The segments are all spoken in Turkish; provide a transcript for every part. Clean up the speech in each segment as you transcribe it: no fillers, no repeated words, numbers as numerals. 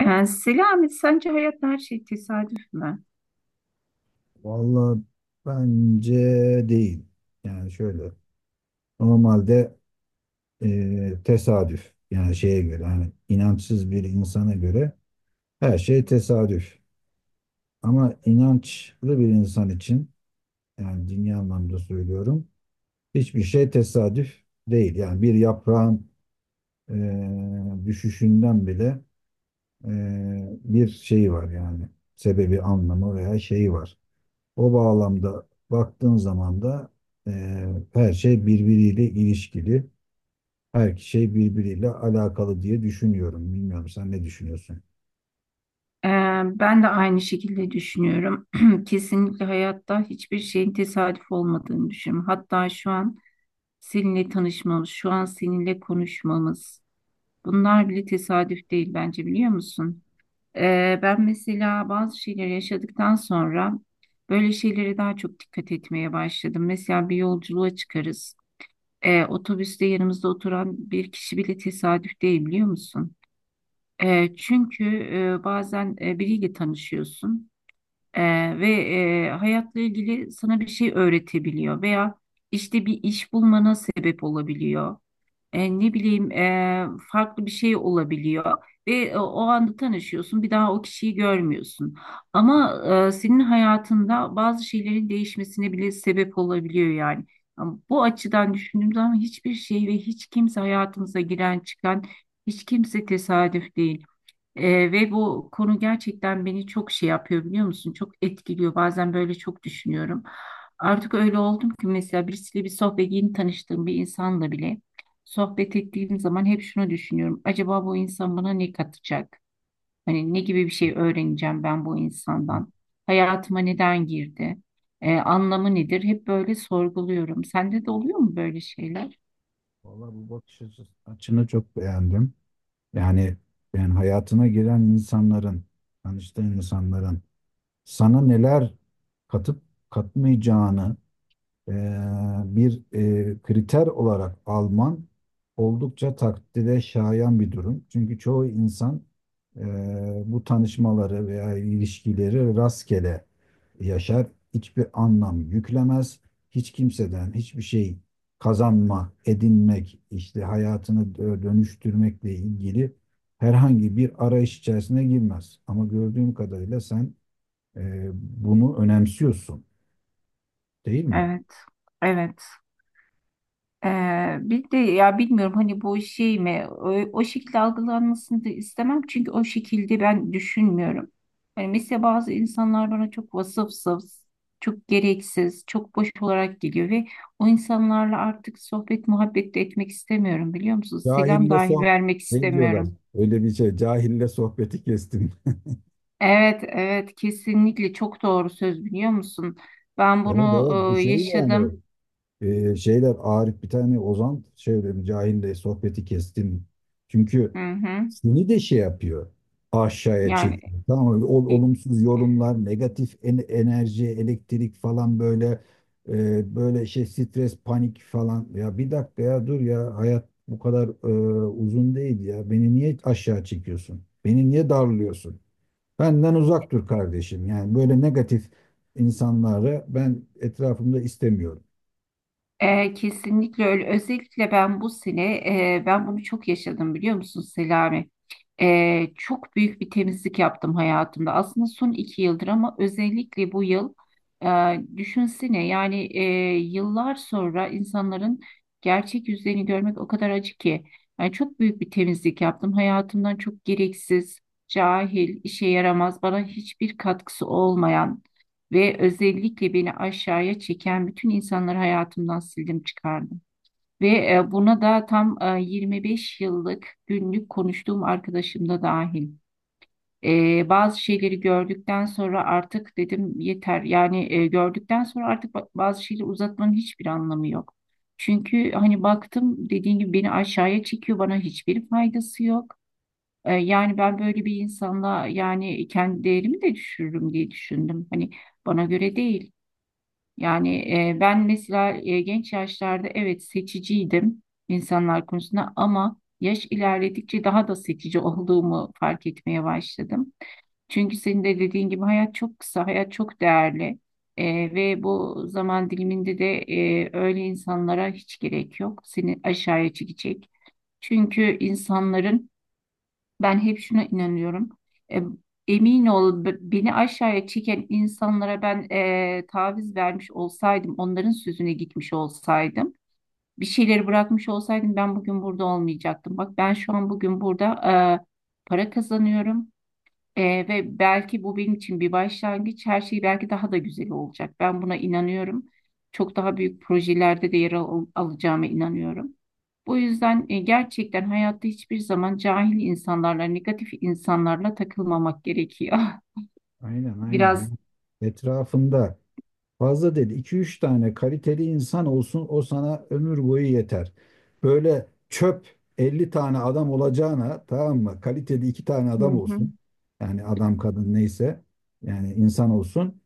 Selami, sence hayatta her şey tesadüf mü? Vallahi bence değil. Yani şöyle normalde tesadüf yani şeye göre hani inançsız bir insana göre her şey tesadüf. Ama inançlı bir insan için yani dini anlamda söylüyorum hiçbir şey tesadüf değil. Yani bir yaprağın düşüşünden bile e, bir şeyi var yani sebebi anlamı veya şeyi var. O bağlamda baktığın zaman da her şey birbiriyle ilişkili. Her şey birbiriyle alakalı diye düşünüyorum. Bilmiyorum sen ne düşünüyorsun? Ee, Ben de aynı şekilde düşünüyorum. Kesinlikle hayatta hiçbir şeyin tesadüf olmadığını düşünüyorum. Hatta şu an seninle tanışmamız, şu an seninle konuşmamız, bunlar bile tesadüf değil bence biliyor musun? Ben mesela bazı şeyleri yaşadıktan sonra böyle şeylere daha çok dikkat etmeye başladım. Mesela bir yolculuğa çıkarız. Otobüste yanımızda oturan bir kişi bile tesadüf değil biliyor musun? Çünkü bazen biriyle tanışıyorsun e, ve hayatla ilgili sana bir şey öğretebiliyor veya işte bir iş bulmana sebep olabiliyor. Ne bileyim farklı bir şey olabiliyor ve o anda tanışıyorsun bir daha o kişiyi görmüyorsun. Ama senin hayatında bazı şeylerin değişmesine bile sebep olabiliyor yani. Ama bu açıdan düşündüğüm zaman hiçbir şey ve hiç kimse hayatımıza giren çıkan hiç kimse tesadüf değil. Ve bu konu gerçekten beni çok şey yapıyor biliyor musun? Çok etkiliyor. Bazen böyle çok düşünüyorum. Artık öyle oldum ki mesela birisiyle bir sohbet yeni tanıştığım bir insanla bile sohbet ettiğim zaman hep şunu düşünüyorum. Acaba bu insan bana ne katacak? Hani ne gibi bir şey öğreneceğim ben bu insandan? Hayatıma neden girdi? Anlamı nedir? Hep böyle sorguluyorum. Sende de oluyor mu böyle şeyler? Vallahi bu bakış açını çok beğendim. Yani yani hayatına giren insanların, tanıştığın insanların sana neler katıp katmayacağını e, bir kriter olarak alman oldukça takdire şayan bir durum. Çünkü çoğu insan e, bu tanışmaları veya ilişkileri rastgele yaşar, hiçbir anlam yüklemez, hiç kimseden hiçbir şey kazanma, edinmek, işte hayatını dönüştürmekle ilgili herhangi bir arayış içerisine girmez. Ama gördüğüm kadarıyla sen bunu önemsiyorsun, değil mi? Evet. Evet. Bir de ya bilmiyorum hani bu şey mi o, o şekilde algılanmasını da istemem çünkü o şekilde ben düşünmüyorum. Hani mesela bazı insanlar bana çok vasıfsız, çok gereksiz, çok boş olarak geliyor ve o insanlarla artık sohbet muhabbet de etmek istemiyorum biliyor musunuz? Selam Cahille dahi vermek ne diyorlar? istemiyorum. Öyle bir şey. Cahille sohbeti kestim. Evet, evet, kesinlikle çok doğru söz biliyor musun? Ben Evet, bunu evet, bu şey yani yaşadım. Şeyler Arif bir tane Ozan şey diyor, cahille sohbeti kestim. Çünkü Hı hı. seni de şey yapıyor. Aşağıya Yani çekiyor. Tamam mı? İ- Olumsuz yorumlar, negatif enerji, elektrik falan böyle böyle şey stres, panik falan. Ya bir dakika ya dur ya hayat bu kadar uzun değil ya. Beni niye aşağı çekiyorsun? Beni niye darlıyorsun? Benden uzak dur kardeşim. Yani böyle negatif insanları ben etrafımda istemiyorum. Kesinlikle öyle. Özellikle ben bu sene e, ben bunu çok yaşadım biliyor musun Selami? Çok büyük bir temizlik yaptım hayatımda. Aslında son 2 yıldır ama özellikle bu yıl düşünsene yani yıllar sonra insanların gerçek yüzlerini görmek o kadar acı ki. Yani çok büyük bir temizlik yaptım. Hayatımdan çok gereksiz, cahil, işe yaramaz, bana hiçbir katkısı olmayan ve özellikle beni aşağıya çeken bütün insanları hayatımdan sildim çıkardım. Ve buna da tam 25 yıllık günlük konuştuğum arkadaşım da dahil. Bazı şeyleri gördükten sonra artık dedim yeter. Yani gördükten sonra artık bazı şeyleri uzatmanın hiçbir anlamı yok. Çünkü hani baktım dediğim gibi beni aşağıya çekiyor, bana hiçbir faydası yok. Yani ben böyle bir insanla yani kendi değerimi de düşürürüm diye düşündüm. Hani bana göre değil. Yani ben mesela genç yaşlarda evet seçiciydim insanlar konusunda ama yaş ilerledikçe daha da seçici olduğumu fark etmeye başladım. Çünkü senin de dediğin gibi hayat çok kısa, hayat çok değerli. E, Ve bu zaman diliminde de öyle insanlara hiç gerek yok. Seni aşağıya çekecek. Çünkü insanların ben hep şuna inanıyorum. E, Emin ol beni aşağıya çeken insanlara ben taviz vermiş olsaydım, onların sözüne gitmiş olsaydım, bir şeyleri bırakmış olsaydım ben bugün burada olmayacaktım. Bak ben şu an bugün burada e, para kazanıyorum ve belki bu benim için bir başlangıç. Her şey belki daha da güzel olacak. Ben buna inanıyorum. Çok daha büyük projelerde de yer alacağıma inanıyorum. Bu yüzden gerçekten hayatta hiçbir zaman cahil insanlarla, negatif insanlarla takılmamak gerekiyor. Aynen, aynen ya. Biraz. Etrafında fazla dedi. İki üç tane kaliteli insan olsun o sana ömür boyu yeter. Böyle çöp 50 tane adam olacağına tamam mı? Kaliteli 2 tane Hı adam hı. olsun. Yani adam kadın neyse yani insan olsun.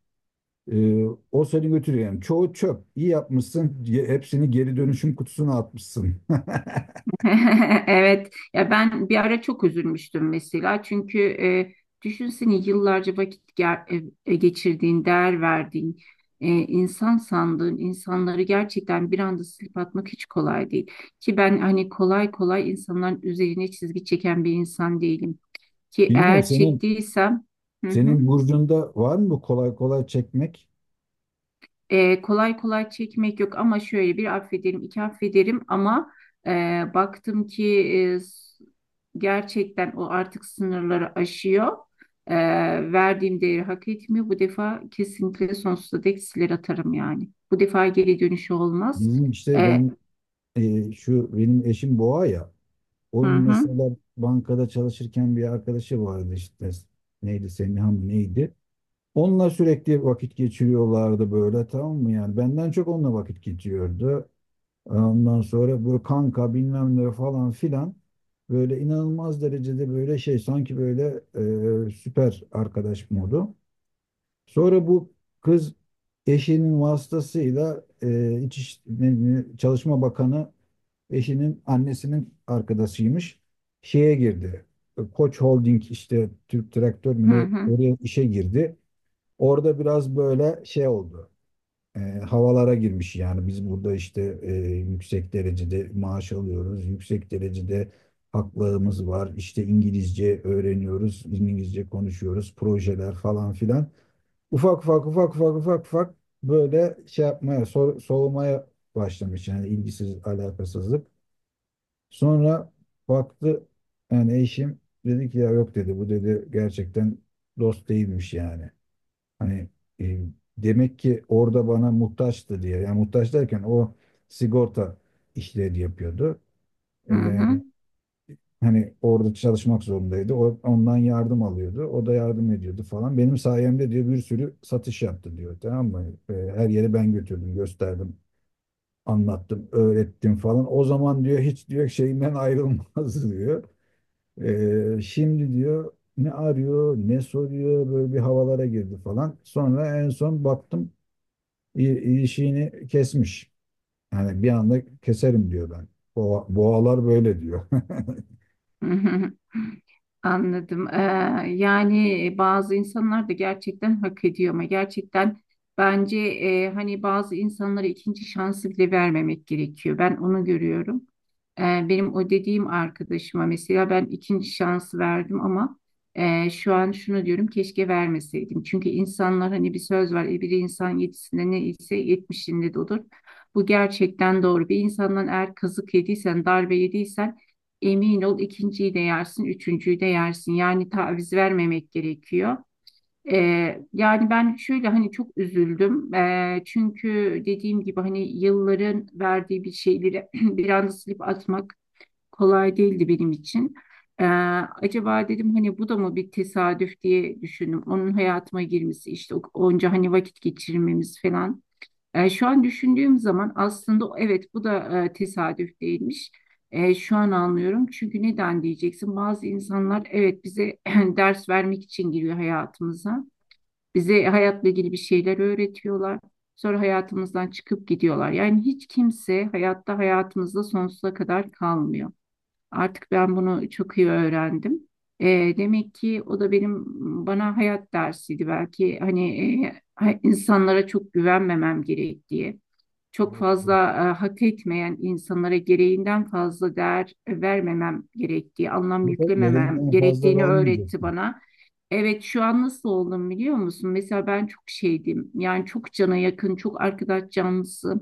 Ee, o seni götürüyor. Yani çoğu çöp. İyi yapmışsın. Hepsini geri dönüşüm kutusuna atmışsın. Evet, ya ben bir ara çok üzülmüştüm mesela çünkü düşünsene yıllarca vakit geçirdiğin, değer verdiğin, insan sandığın insanları gerçekten bir anda silip atmak hiç kolay değil. Ki ben hani kolay kolay insanların üzerine çizgi çeken bir insan değilim. Ki Bilmiyorum eğer senin çektiysem, hı hı. Senin burcunda var mı kolay kolay çekmek? Kolay kolay çekmek yok ama şöyle bir affederim, iki affederim ama e, baktım ki e, s- gerçekten o artık sınırları aşıyor. E, Verdiğim değeri hak etmiyor. Bu defa kesinlikle sonsuza dek siler atarım yani. Bu defa geri dönüşü olmaz. Bizim işte E, ben şu benim eşim boğa ya. hı Onun hı, mesela bankada çalışırken bir arkadaşı vardı işte. Neydi Semiha mı neydi? Onunla sürekli vakit geçiriyorlardı böyle tamam mı yani? Benden çok onunla vakit geçiyordu. Ondan sonra böyle kanka bilmem ne falan filan. Böyle inanılmaz derecede böyle şey sanki böyle süper arkadaş modu. Sonra bu kız eşinin vasıtasıyla Çalışma Bakanı eşinin annesinin arkadaşıymış. Şeye girdi. Koç Holding işte Türk Traktör mü hı ne hı, oraya işe girdi. Orada biraz böyle şey oldu. Havalara girmiş yani biz burada işte yüksek derecede maaş alıyoruz. Yüksek derecede haklarımız var. İşte İngilizce öğreniyoruz. İngilizce konuşuyoruz. Projeler falan filan ufak ufak ufak ufak ufak ufak böyle şey yapmaya soğumaya başlamış yani ilgisiz alakasızlık. Sonra baktı yani eşim dedi ki ya yok dedi bu dedi gerçekten dost değilmiş yani. Hani e, demek ki orada bana muhtaçtı diye yani muhtaç derken o sigorta işleri yapıyordu. hı E, hı, hani orada çalışmak zorundaydı. O, ondan yardım alıyordu. O da yardım ediyordu falan. Benim sayemde diyor bir sürü satış yaptı diyor. Tamam mı? Her yere ben götürdüm, gösterdim, anlattım, öğrettim falan. O zaman diyor hiç diyor şeyinden ayrılmaz diyor. Şimdi diyor ne arıyor, ne soruyor böyle bir havalara girdi falan. Sonra en son baktım ilişiğini kesmiş. Yani bir anda keserim diyor ben. Boğalar böyle diyor. hı hı. Anladım. Yani bazı insanlar da gerçekten hak ediyor ama gerçekten bence hani bazı insanlara ikinci şansı bile vermemek gerekiyor. Ben onu görüyorum. Ee, Benim o dediğim arkadaşıma mesela ben ikinci şansı verdim ama şu an şunu diyorum keşke vermeseydim. Çünkü insanlar hani bir söz var bir insan yedisinde ne ise yetmişinde de olur. Bu gerçekten doğru. Bir insandan eğer kazık yediysen, darbe yediysen emin ol ikinciyi de yersin, üçüncüyü de yersin. Yani taviz vermemek gerekiyor. Yani ben şöyle hani çok üzüldüm. Çünkü dediğim gibi hani yılların verdiği bir şeyleri bir anda silip atmak kolay değildi benim için. Ee, Acaba dedim hani bu da mı bir tesadüf diye düşündüm. Onun hayatıma girmesi işte onca hani vakit geçirmemiz falan. Şu an düşündüğüm zaman aslında evet bu da tesadüf değilmiş. Şu an anlıyorum. Çünkü neden diyeceksin? Bazı insanlar evet bize ders vermek için giriyor hayatımıza. Bize hayatla ilgili bir şeyler öğretiyorlar. Sonra hayatımızdan çıkıp gidiyorlar. Yani hiç kimse hayatta hayatımızda sonsuza kadar kalmıyor. Artık ben bunu çok iyi öğrendim. Demek ki o da bana hayat dersiydi belki. Hani insanlara çok güvenmemem gerektiği çok fazla Evet. Hak etmeyen insanlara gereğinden fazla değer vermemem gerektiği, anlam Bu da yüklememem gereğinden fazla gerektiğini öğretti vermeyeceksin. bana. Evet, şu an nasıl oldum biliyor musun? Mesela ben çok şeydim. Yani çok cana yakın, çok arkadaş canlısı.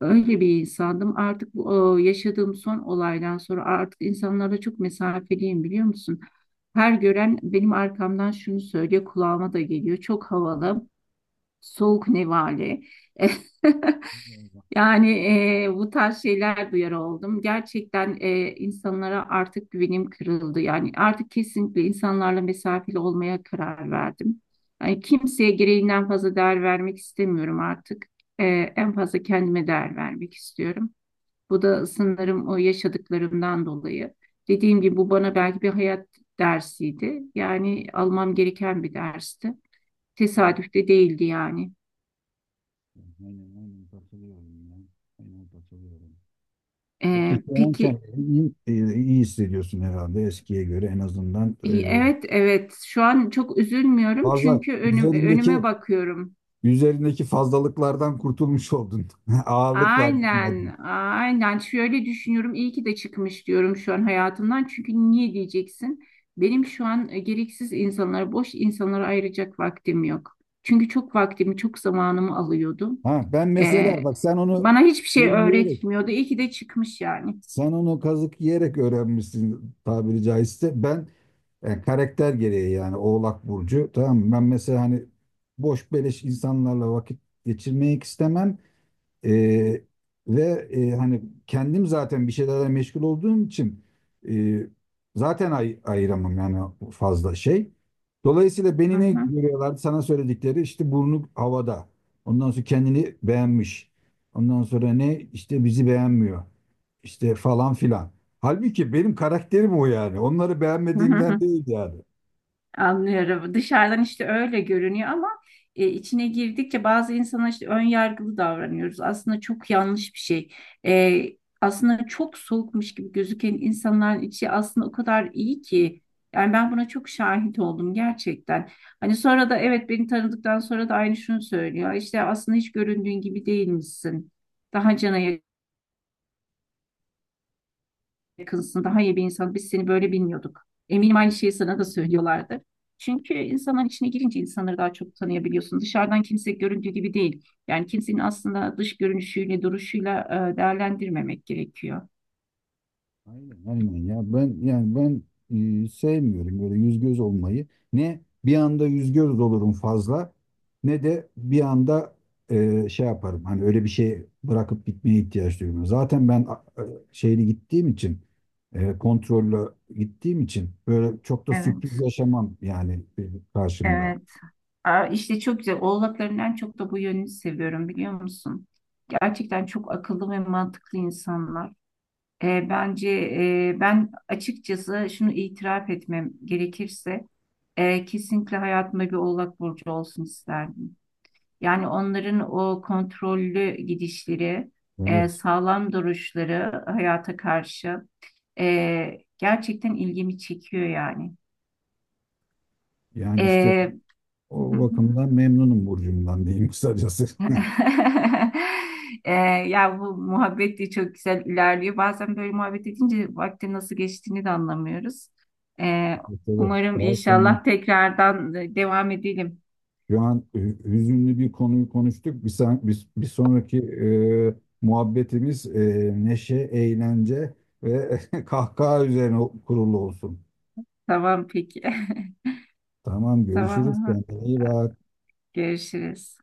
Öyle bir insandım. Artık bu yaşadığım son olaydan sonra artık insanlarla çok mesafeliyim biliyor musun? Her gören benim arkamdan şunu söylüyor, kulağıma da geliyor. Çok havalı, soğuk nevale. Allah Allah. Yani bu tarz şeyler duyar oldum. Gerçekten insanlara artık güvenim kırıldı. Yani artık kesinlikle insanlarla mesafeli olmaya karar verdim. Yani kimseye gereğinden fazla değer vermek istemiyorum artık. E, En fazla kendime değer vermek istiyorum. Bu da sanırım o yaşadıklarımdan dolayı. Dediğim gibi bu bana belki bir hayat dersiydi. Yani almam gereken bir dersti. Evet. Tesadüf de değildi yani. Aynen, aynen katılıyorum ya. Aynen katılıyorum. Peki şu an Peki. kendini iyi hissediyorsun herhalde eskiye göre en azından. İyi, e, evet, evet, şu an çok üzülmüyorum Fazla çünkü önüme üzerindeki bakıyorum. üzerindeki fazlalıklardan kurtulmuş oldun. Ağırlıklardan oldun. Aynen, aynen, şöyle düşünüyorum iyi ki de çıkmış diyorum şu an hayatımdan çünkü niye diyeceksin? Benim şu an gereksiz insanlara boş insanlara ayıracak vaktim yok. Çünkü çok vaktimi çok zamanımı alıyordu. Ha, ben mesela Ee, bak Bana hiçbir Şey şey yiyerek öğretmiyordu. İyi ki de çıkmış yani. Sen onu kazık yiyerek öğrenmişsin tabiri caizse. Ben karakter gereği yani Oğlak Burcu. Tamam mı? Ben mesela hani boş beleş insanlarla vakit geçirmek istemem. Ee, ve hani kendim zaten bir şeylerle meşgul olduğum için e, zaten ayıramam yani fazla şey. Dolayısıyla Hı beni ne hı, görüyorlardı sana söyledikleri işte burnu havada. Ondan sonra kendini beğenmiş. Ondan sonra ne işte bizi beğenmiyor. İşte falan filan. Halbuki benim karakterim o yani. Onları hı hı, beğenmediğimden hı. değil yani. Anlıyorum. Dışarıdan işte öyle görünüyor ama içine girdikçe bazı insana işte ön yargılı davranıyoruz. Aslında çok yanlış bir şey. E, Aslında çok soğukmuş gibi gözüken insanların içi aslında o kadar iyi ki. Yani ben buna çok şahit oldum gerçekten. Hani sonra da evet beni tanıdıktan sonra da aynı şunu söylüyor. İşte aslında hiç göründüğün gibi değilmişsin. Daha cana yakınsın, daha iyi bir insan. Biz seni böyle bilmiyorduk. Eminim aynı şeyi sana da söylüyorlardır. Çünkü insanların içine girince insanları daha çok tanıyabiliyorsun. Dışarıdan kimse göründüğü gibi değil. Yani kimsenin aslında dış görünüşüyle, duruşuyla değerlendirmemek gerekiyor. Aynen, aynen ya, ben yani ben sevmiyorum böyle yüz göz olmayı. Ne bir anda yüz göz olurum fazla ne de bir anda şey yaparım. Hani öyle bir şey bırakıp gitmeye ihtiyaç duymuyorum. Zaten ben şeyli gittiğim için e, kontrollü gittiğim için böyle çok da sürpriz Evet, yaşamam yani e, karşımda. evet. Aa, işte çok güzel. Oğlakların en çok da bu yönünü seviyorum biliyor musun? Gerçekten çok akıllı ve mantıklı insanlar. Bence ben açıkçası şunu itiraf etmem gerekirse kesinlikle hayatımda bir oğlak burcu olsun isterdim. Yani onların o kontrollü gidişleri, Evet. sağlam duruşları hayata karşı gerçekten ilgimi çekiyor yani. Yani işte E, o bakımdan memnunum burcumdan diyeyim kısacası. Ee, ya bu muhabbet de çok güzel ilerliyor. Bazen böyle muhabbet edince vaktin nasıl geçtiğini de anlamıyoruz. Ee, Evet, evet. Umarım Daha sonra inşallah tekrardan devam edelim. Şu an hüzünlü bir konuyu konuştuk. Bir sonraki e, muhabbetimiz neşe, eğlence ve kahkaha üzerine kurulu olsun. Tamam, peki. Tamam, görüşürüz. Tamam. Kendine iyi bak. Görüşürüz.